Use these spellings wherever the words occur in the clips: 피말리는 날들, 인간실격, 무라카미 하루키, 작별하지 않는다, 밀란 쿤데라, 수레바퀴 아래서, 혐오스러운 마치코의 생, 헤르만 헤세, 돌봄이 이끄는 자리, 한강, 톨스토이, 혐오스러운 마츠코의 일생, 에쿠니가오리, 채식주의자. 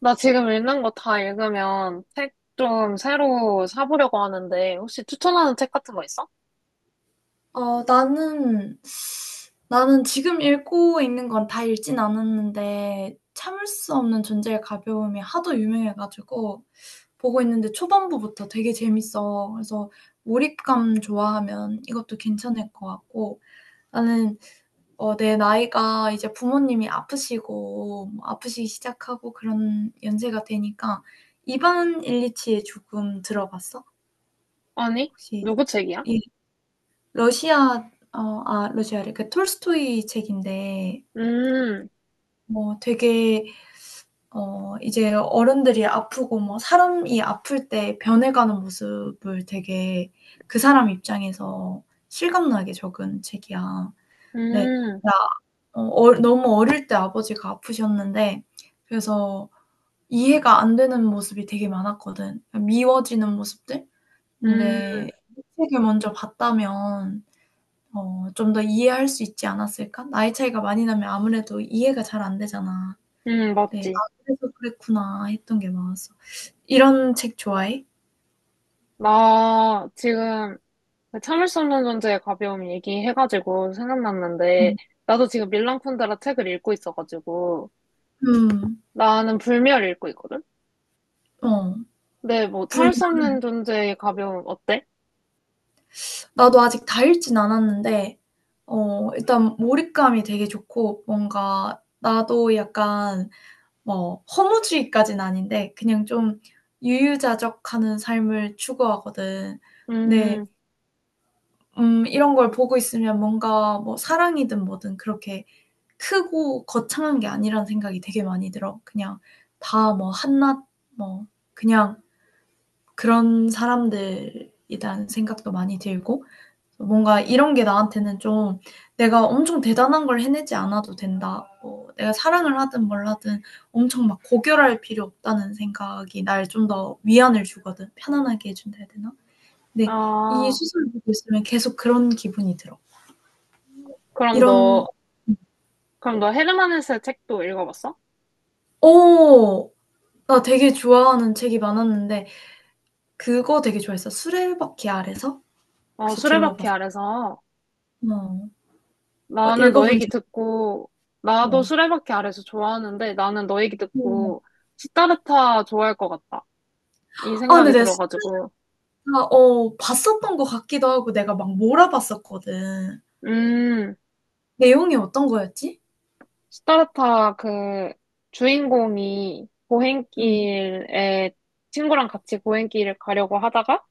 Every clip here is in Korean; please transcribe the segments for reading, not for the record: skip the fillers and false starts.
나 지금 읽는 거 다 읽으면 책 좀 새로 사보려고 하는데, 혹시 추천하는 책 같은 거 있어? 어 나는 나는 지금 읽고 있는 건 다 읽진 않았는데 참을 수 없는 존재의 가벼움이 하도 유명해 가지고 보고 있는데 초반부부터 되게 재밌어. 그래서 몰입감 좋아하면 이것도 괜찮을 것 같고 나는. 내 나이가 이제 부모님이 아프시고 뭐 아프시기 시작하고 그런 연세가 되니까 이반 일리치에 조금 들어봤어? 아니? 혹시 누구 책이야? 러시아래. 그 톨스토이 책인데 음. 뭐 되게 이제 어른들이 아프고 뭐 사람이 아플 때 변해가는 모습을 되게 그 사람 입장에서 실감나게 적은 책이야. 네. 음. 나, 어 얼 너무 어릴 때 아버지가 아프셨는데 그래서 이해가 안 되는 모습이 되게 많았거든. 미워지는 모습들? 음. 근데 이 책을 먼저 봤다면 좀 더 이해할 수 있지 않았을까? 나이 차이가 많이 나면 아무래도 이해가 잘 안 되잖아. 음. 네. '아 맞지. 그래서 그랬구나.' 했던 게 많았어. 이런 책 좋아해? 나 지금 그 참을 수 없는 존재의 가벼움 얘기해가지고 생각났는데, 음. 나도 지금 밀란 쿤데라 책을 읽고 있어가지고, 음. 나는 불멸 읽고 있거든? 어. 근데 뭐 참을 불면 수 없는 존재의 가벼움 어때? 나도 아직 다 읽진 않았는데 일단 몰입감이 되게 좋고 뭔가 나도 약간 뭐 허무주의까진 아닌데 그냥 좀 유유자적하는 삶을 추구하거든. 네. 음. 음, 이런 걸 보고 있으면 뭔가 뭐 사랑이든 뭐든 그렇게 크고 거창한 게 아니란 생각이 되게 많이 들어. 그냥 다 뭐 한낱 뭐 그냥 그런 사람들이라는 생각도 많이 들고 뭔가 이런 게 나한테는 좀, '내가 엄청 대단한 걸 해내지 않아도 된다.' 뭐 내가 사랑을 하든 뭘 하든 엄청 막 고결할 필요 없다는 생각이 날 좀 더 위안을 주거든. 편안하게 해 준다 해야 되나? 근데 이 아, 수설을 보고 있으면 계속 그런 기분이 들어. 그럼 이런. 너, 헤르만 헤세 책도 읽어봤어? 오, 나 되게 좋아하는 책이 많았는데 그거 되게 좋아했어. 수레바퀴 아래서? 어, 혹시 수레바퀴 들어봤어? 아래서. 어. 어, 나는 너 읽어본 얘기 적 듣고, 있어. 나도 어. 수레바퀴 아래서 좋아하는데 나는 너 얘기 듣고 시타르타 좋아할 것 같다. 이 아 근데 생각이 내가 들어가지고. 진짜 어 봤었던 것 같기도 하고 내가 막 몰아봤었거든. 음. 내용이 어떤 거였지? 시타르타 그 주인공이 음. 고행길에 친구랑 같이 고행길을 가려고 하다가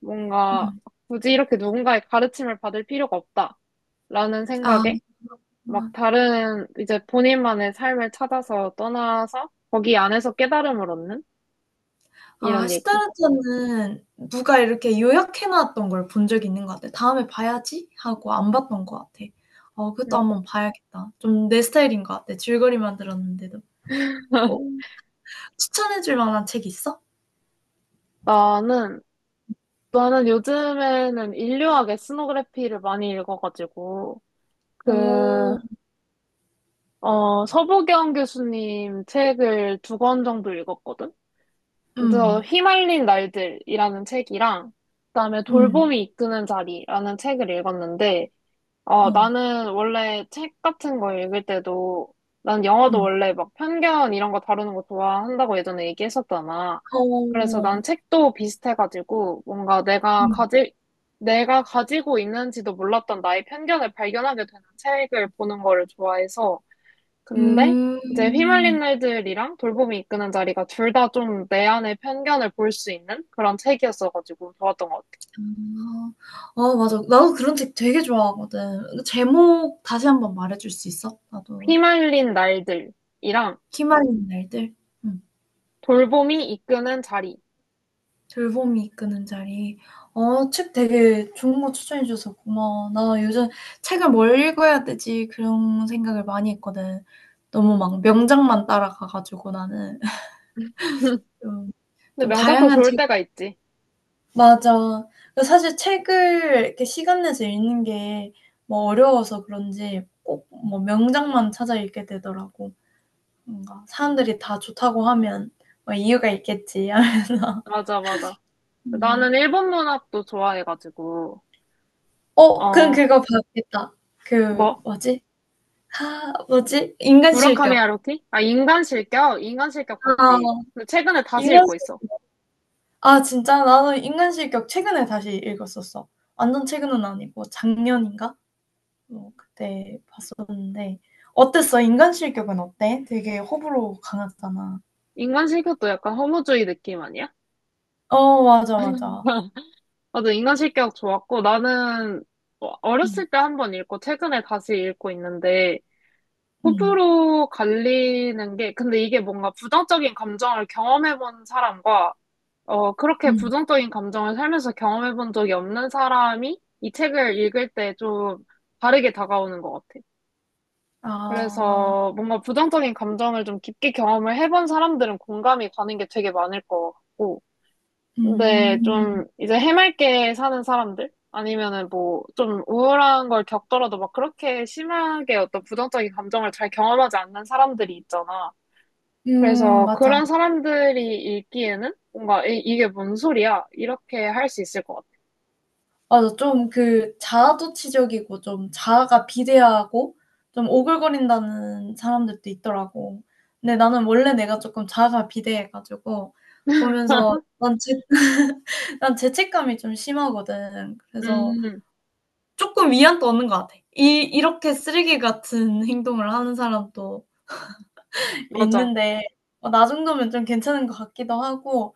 뭔가 음. 굳이 이렇게 누군가의 가르침을 받을 필요가 없다라는 아. 생각에 막 다른 이제 본인만의 삶을 찾아서 떠나서 거기 안에서 깨달음을 얻는 아 이런 얘기. 시타르타는 누가 이렇게 요약해 놨던 걸 본 적이 있는 것 같아. '다음에 봐야지.' 하고 안 봤던 것 같아. 어 음. 그것도 한번 봐야겠다. 좀 내 스타일인 것 같아. 줄거리만 들었는데도. 어 추천해 줄 만한 책 있어? 나는, 나는 요즘에는 인류학의 스노그래피를 많이 읽어가지고, 그, 어. 서부경 교수님 책을 2권 정도 읽었거든? 그래서 음. 휘말린 날들이라는 책이랑, 그다음에 음. 돌봄이 이끄는 자리라는 책을 읽었는데, 어. 나는 원래 책 같은 거 읽을 때도, 난 영화도 음. 원래 막 편견 이런 거 다루는 거 좋아한다고 예전에 얘기했었잖아. 그래서 어. 난 책도 비슷해가지고, 뭔가 음. 내가 가지고 있는지도 몰랐던 나의 편견을 발견하게 되는 책을 보는 거를 좋아해서. 근데 이제 휘말린 음. 날들이랑 돌봄이 이끄는 자리가 둘 다 좀 내 안의 편견을 볼 수 있는 그런 책이었어가지고 좋았던 것 같아. 아. 아 맞아. 나도 그런 책 되게 좋아하거든. 그 제목 다시 한번 말해 줄 수 있어? 나도. 휘말린 날들이랑 "피말리는 날들." 음. 돌봄이 이끄는 자리. "돌봄이 이끄는 자리." 어 책 되게 좋은 거 추천해 줘서 고마워. 나 요즘 '책을 뭘 읽어야 되지?' 그런 생각을 많이 했거든. 너무 막 명작만 따라가 가지고 나는 근데 좀 좀 명작도 다양한 좋을 책. 때가 있지. 맞아. 그 사실 책을 이렇게 시간 내서 읽는 게 뭐 어려워서 그런지 꼭 뭐 명작만 찾아 읽게 되더라고. 뭔가 사람들이 다 좋다고 하면 뭐 '이유가 있겠지.' 맞아, 맞아. 뭐. 나는 일본 문학도 좋아해가지고, 그럼 어, 그거 봐야겠다. 그 뭐? 뭐지? 아 뭐지? 무라카미 인간실격. 하루키? 아, 인간 실격? 인간 실격 아 봤지. 근데 최근에 다시 읽고 인간실 있어. 아 진짜? 나는 인간실격 최근에 다시 읽었었어. 완전 최근은 아니고 작년인가? 그때 봤었는데 어땠어? 인간 실격은 어때? 되게 호불호 강하잖아. 인간 실격도 약간 허무주의 느낌 아니야? 어 맞아, 맞아. 맞아, 인간 실격 좋았고, 나는 음. 어렸을 때 한 번 읽고, 최근에 다시 읽고 있는데, 음. 호불호 갈리는 게, 근데 이게 뭔가 부정적인 감정을 경험해본 사람과 그렇게 음. 부정적인 감정을 살면서 경험해 본 적이 없는 사람이 이 책을 읽을 때 좀 다르게 다가오는 것 같아. 아. 그래서 뭔가 부정적인 감정을 좀 깊게 경험을 해본 사람들은 공감이 가는 게 되게 많을 것 같고. 근데 음. 좀 이제 해맑게 사는 사람들? 아니면은 뭐 좀 우울한 걸 겪더라도 막 그렇게 심하게 어떤 부정적인 감정을 잘 경험하지 않는 사람들이 있잖아. 그래서 맞아. 그런 사람들이 읽기에는 뭔가 이게 뭔 소리야? 이렇게 할 수 있을 것 같아. 맞아. 좀 그 자아도취적이고 좀 자아가 비대하고 좀 오글거린다는 사람들도 있더라고. 근데 나는 원래 내가 조금 자아가 비대해 가지고 보면서 난 죄 난 죄책감이 좀 심하거든. 그래서 음, 조금 위안도 얻는 것 같아. 이 이렇게 쓰레기 같은 행동을 하는 사람도 맞아. 있는데, 나 정도면 좀 괜찮은 것 같기도 하고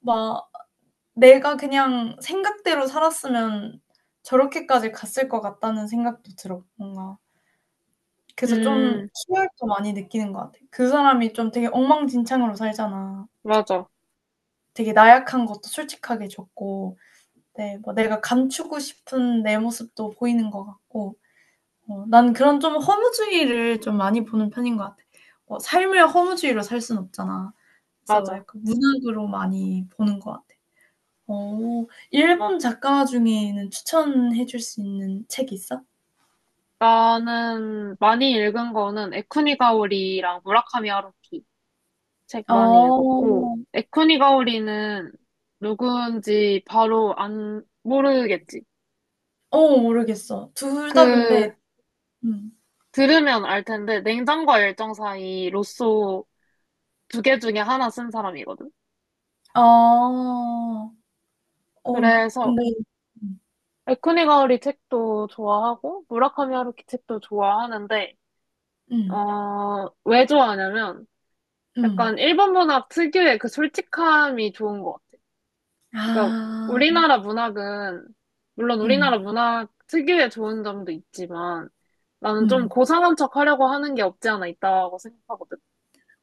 막 내가 그냥 생각대로 살았으면 저렇게까지 갔을 것 같다는 생각도 들어 뭔가. 그래서 좀 음, 희열도 많이 느끼는 것 같아. 그 사람이 좀 되게 엉망진창으로 살잖아. 맞아. 되게 나약한 것도 솔직하게 줬고 네 뭐 내가 감추고 싶은 내 모습도 보이는 것 같고 난 그런 좀 허무주의를 좀 많이 보는 편인 것 같아. 삶을 허무주의로 살 순 없잖아. 그래서 맞아. 약간 문학으로 많이 보는 것 같아. 일본 작가 중에는 추천해 줄 수 있는 책 있어? 나는 많이 읽은 거는 에쿠니가오리랑 무라카미 하루키 책 많이 어. 읽었고, 에쿠니가오리는 누구인지 바로 안, 모르겠지. 어, 모르겠어. 둘 다 그, 근데. 음. 들으면 알 텐데, 냉장과 열정 사이 로쏘 2개 중에 하나 쓴 사람이거든. 아. 어 그래서 근데. 음. 에쿠니 가오리 책도 좋아하고 무라카미 하루키 책도 좋아하는데 음. 어, 왜 좋아하냐면 음. 약간 일본 문학 특유의 그 솔직함이 좋은 것 같아. 그러니까 아. 우리나라 문학은 물론 우리나라 음. 문학 특유의 좋은 점도 있지만 나는 좀 음. 고상한 척 하려고 하는 게 없지 않아 있다고 생각하거든.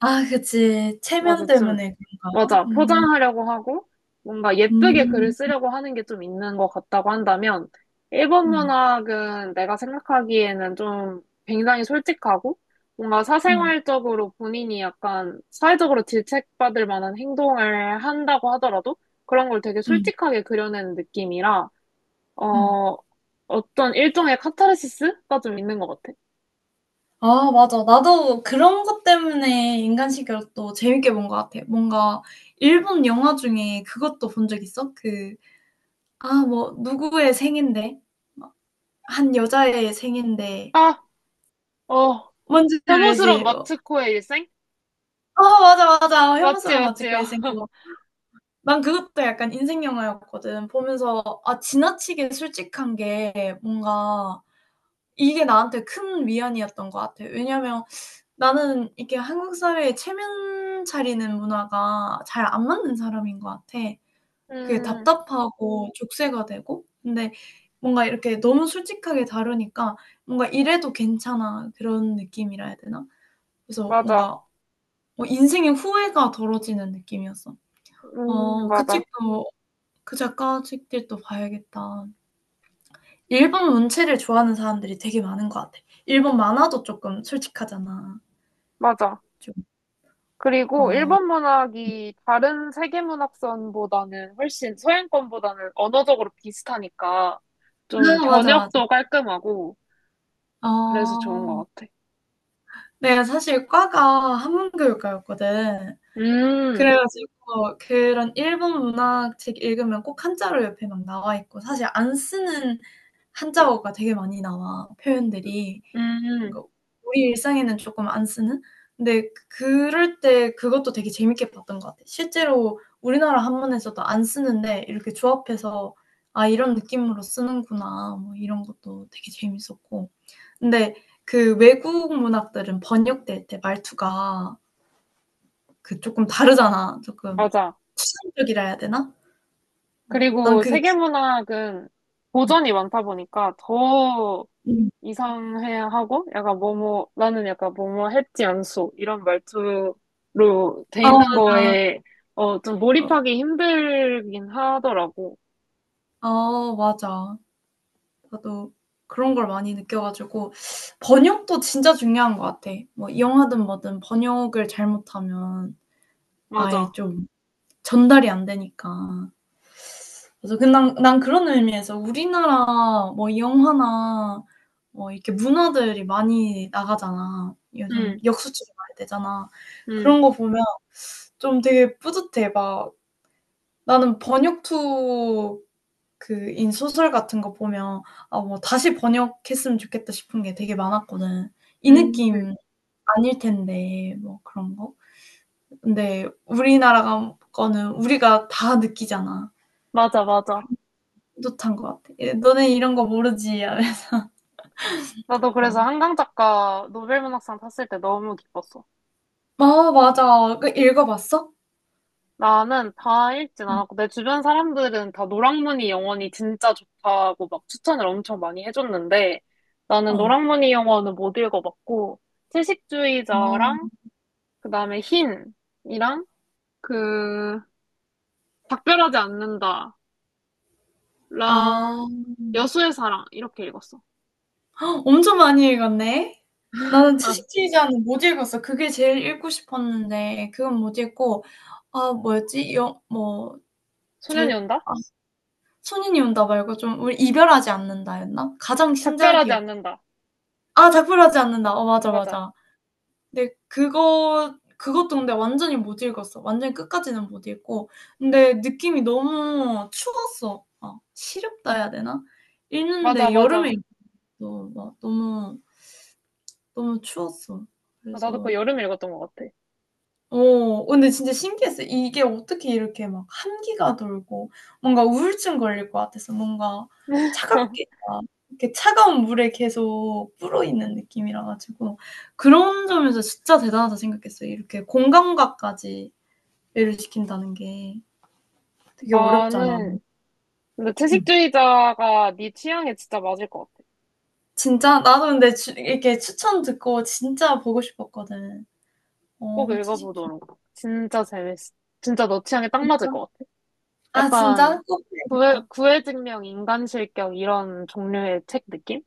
아 그치. 맞아, 체면 때문에 그런가? 맞아. 음. 포장하려고 하고, 뭔가 예쁘게 글을 음. 쓰려고 하는 게 좀 있는 것 같다고 한다면, 일본 음. 문학은 내가 생각하기에는 좀 굉장히 솔직하고, 뭔가 음. 사생활적으로 본인이 약간 사회적으로 질책받을 만한 행동을 한다고 하더라도, 그런 걸 되게 음. 솔직하게 그려내는 느낌이라, 음. 어, 어떤 일종의 카타르시스가 좀 있는 것 같아. 아 맞아. 나도 그런 것 때문에 인간식으로도 재밌게 본 것 같아. 뭔가 일본 영화 중에 그것도 본 적 있어? 그 아 뭐 누구의 생인데 막 한 여자의 생인데 아, 어, 뭔지 혐오스러운 알지? 뭐 마츠코의 일생? 어 맞아, 맞아. 맞지, 혐오스러운 맞지요. 마치코의 생 그거. 난 그것도 약간 인생 영화였거든. 보면서 아 지나치게 솔직한 게 뭔가 이게 나한테 큰 위안이었던 것 같아. 왜냐면 나는 이게 한국 사회에 체면 차리는 문화가 잘 안 맞는 사람인 것 같아. 그게 음, 답답하고 족쇄가 되고 근데 뭔가 이렇게 너무 솔직하게 다루니까 뭔가 '이래도 괜찮아.' 그런 느낌이라 해야 되나? 그래서 맞아. 뭔가 인생의 후회가 덜어지는 느낌이었어. '어 그 맞아. 책도 그 작가 책들도 봐야겠다.' 일본 문체를 좋아하는 사람들이 되게 많은 것 같아. 일본 만화도 쪼끔 솔직하잖아. 맞아. 좀. 그리고 어. 일본 문학이 다른 세계 문학선보다는 훨씬 서양권보다는 언어적으로 비슷하니까 좀 아 맞아, 맞아. 번역도 깔끔하고 그래서 좋은 아. 것 같아. 내가 사실 과가 한문교육과였거든. 음, 그래 가지고 그런 일본 문학 책 읽으면 꼭 한자로 옆에 막 나와 있고 사실 안 쓰는 한자어가 되게 많이 나와, 표현들이. 음, 뭔가 우리 일상에는 쪼끔 안 쓰는? 근데 그럴 때 그것도 되게 재밌게 봤던 것 같아. 실제로 우리나라 한문에서도 안 쓰는데 이렇게 조합해서 '아 이런 느낌으로 쓰는구나.' 뭐 이런 것도 되게 재밌었고. 근데 그 외국 문학들은 번역될 때 말투가 그 쪼끔 다르잖아. 조금 맞아. 추상적이라 해야 되나? 어 난 그리고 그게 세계 진짜. 문학은 고전이 많다 보니까 더 음. 이상해야 하고, 약간 뭐뭐, 나는 약간 뭐뭐 했지 않소. 이런 말투로 돼 아 있는 맞아. 거에, 좀 어. 몰입하기 힘들긴 하더라고. 아 맞아. 나도 그런 걸 많이 느껴 가지고 번역도 진짜 중요한 것 같아. 뭐 영화든 뭐든 번역을 잘못하면 아예 맞아. 좀 전달이 안 되니까. 그래서 그 난 그런 의미에서 우리나라 뭐 영화나 뭐 이렇게 문화들이 많이 나가잖아. 요즘 응, 역수출이 많이 되잖아. 응, 그런 거 보면 좀 되게 뿌듯해. 막 나는 번역 투 그인 소설 같은 거 보면 '아 뭐 다시 번역했으면 좋겠다.' 싶은 게 되게 많았거든. 이 응. 응. 느낌 아닐 텐데 뭐 그런 거. 근데 우리나라 거는 우리가 다 느끼잖아. 맞아, 맞아. 그래서 뿌듯한 것 같아. 예 '너네 이런 거 모르지.' 나도 그래서 어. 한강 작가 노벨문학상 탔을 때 너무 기뻤어. 아 맞아. 그 읽어봤어? 나는 다 읽진 음. 않았고, 내 주변 사람들은 다 노랑무늬 영원이 진짜 좋다고 막 추천을 엄청 많이 해줬는데, 나는 어. 노랑무늬 영원은 못 읽어봤고, 채식주의자랑 아. 그 다음에 흰이랑 그 작별하지 않는다랑 아. 여수의 사랑 이렇게 읽었어. 엄청 많이 읽었네. 나는 아, 채식주의자는 못 읽었어. 그게 제일 읽고 싶었는데 그건 못 읽고 아 뭐였지? 여 뭐 소년이 절 온다? 아 손인이 온다 말고 좀 우리 이별하지 않는다였나? 가장 작별하지 신작이었고 않는다. 아 작별하지 않는다. 어 맞아, 맞아. 맞아. 근데 그거 그것도 근데 완전히 못 읽었어. 완전히 끝까지는 못 읽고. 근데 느낌이 너무 추웠어. 아, 시렵다 해야 되나? 맞아, 읽는데 여름에 맞아. 읽었어. 막 너무 너무 추웠어. 아, 나도 그거 그래서 여름에 읽었던 것 같아. 어 근데 진짜 신기했어요. 이게 어떻게 이렇게 막 한기가 돌고 뭔가 우울증 걸릴 것 같아서 뭔가 차갑게 막 이렇게 차가운 물에 계속 불어있는 느낌이라 가지고 그런 점에서 진짜 대단하다 생각했어요. 이렇게 공감각까지 배려시킨다는 게 되게 어렵잖아. 나는 근데 음. 채식주의자가 네 취향에 진짜 맞을 것 같아. 진짜 나도 근데 주 이렇게 추천 듣고 진짜 보고 싶었거든. 꼭 어 채식 주의 읽어보도록. 진짜 재밌어. 진짜 너 취향에 딱 맞을 진짜? 것 같아. 아 약간 진짜? 꼭 해야겠다. 구애증명, 인간실격 이런 종류의 책 느낌?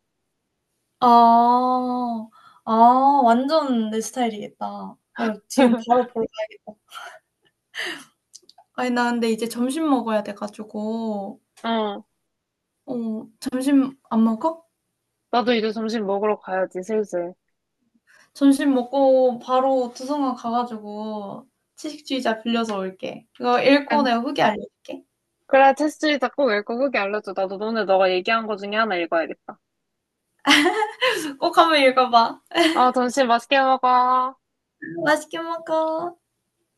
아. 아 완전 내 스타일이겠다. 지금 바로 보러 가야겠다. 아니 나 근데 이제 점심 먹어야 돼 가지고 어. 어 점심 안 먹어? 나도 이제 점심 먹으러 가야지, 슬슬. 점심 먹고 바로 도서관 가 가지고 채식주의자 빌려서 올게. 그거 읽고 안- 내가 후기 알려줄게. 그래, 테스트리자 꼭 읽고 후기 알려줘. 나도 오늘 너가 얘기한 거 중에 하나 읽어야겠다. 꼭 한번 읽어 봐. 아, 점심 맛있게 먹어. 맛있게 먹어.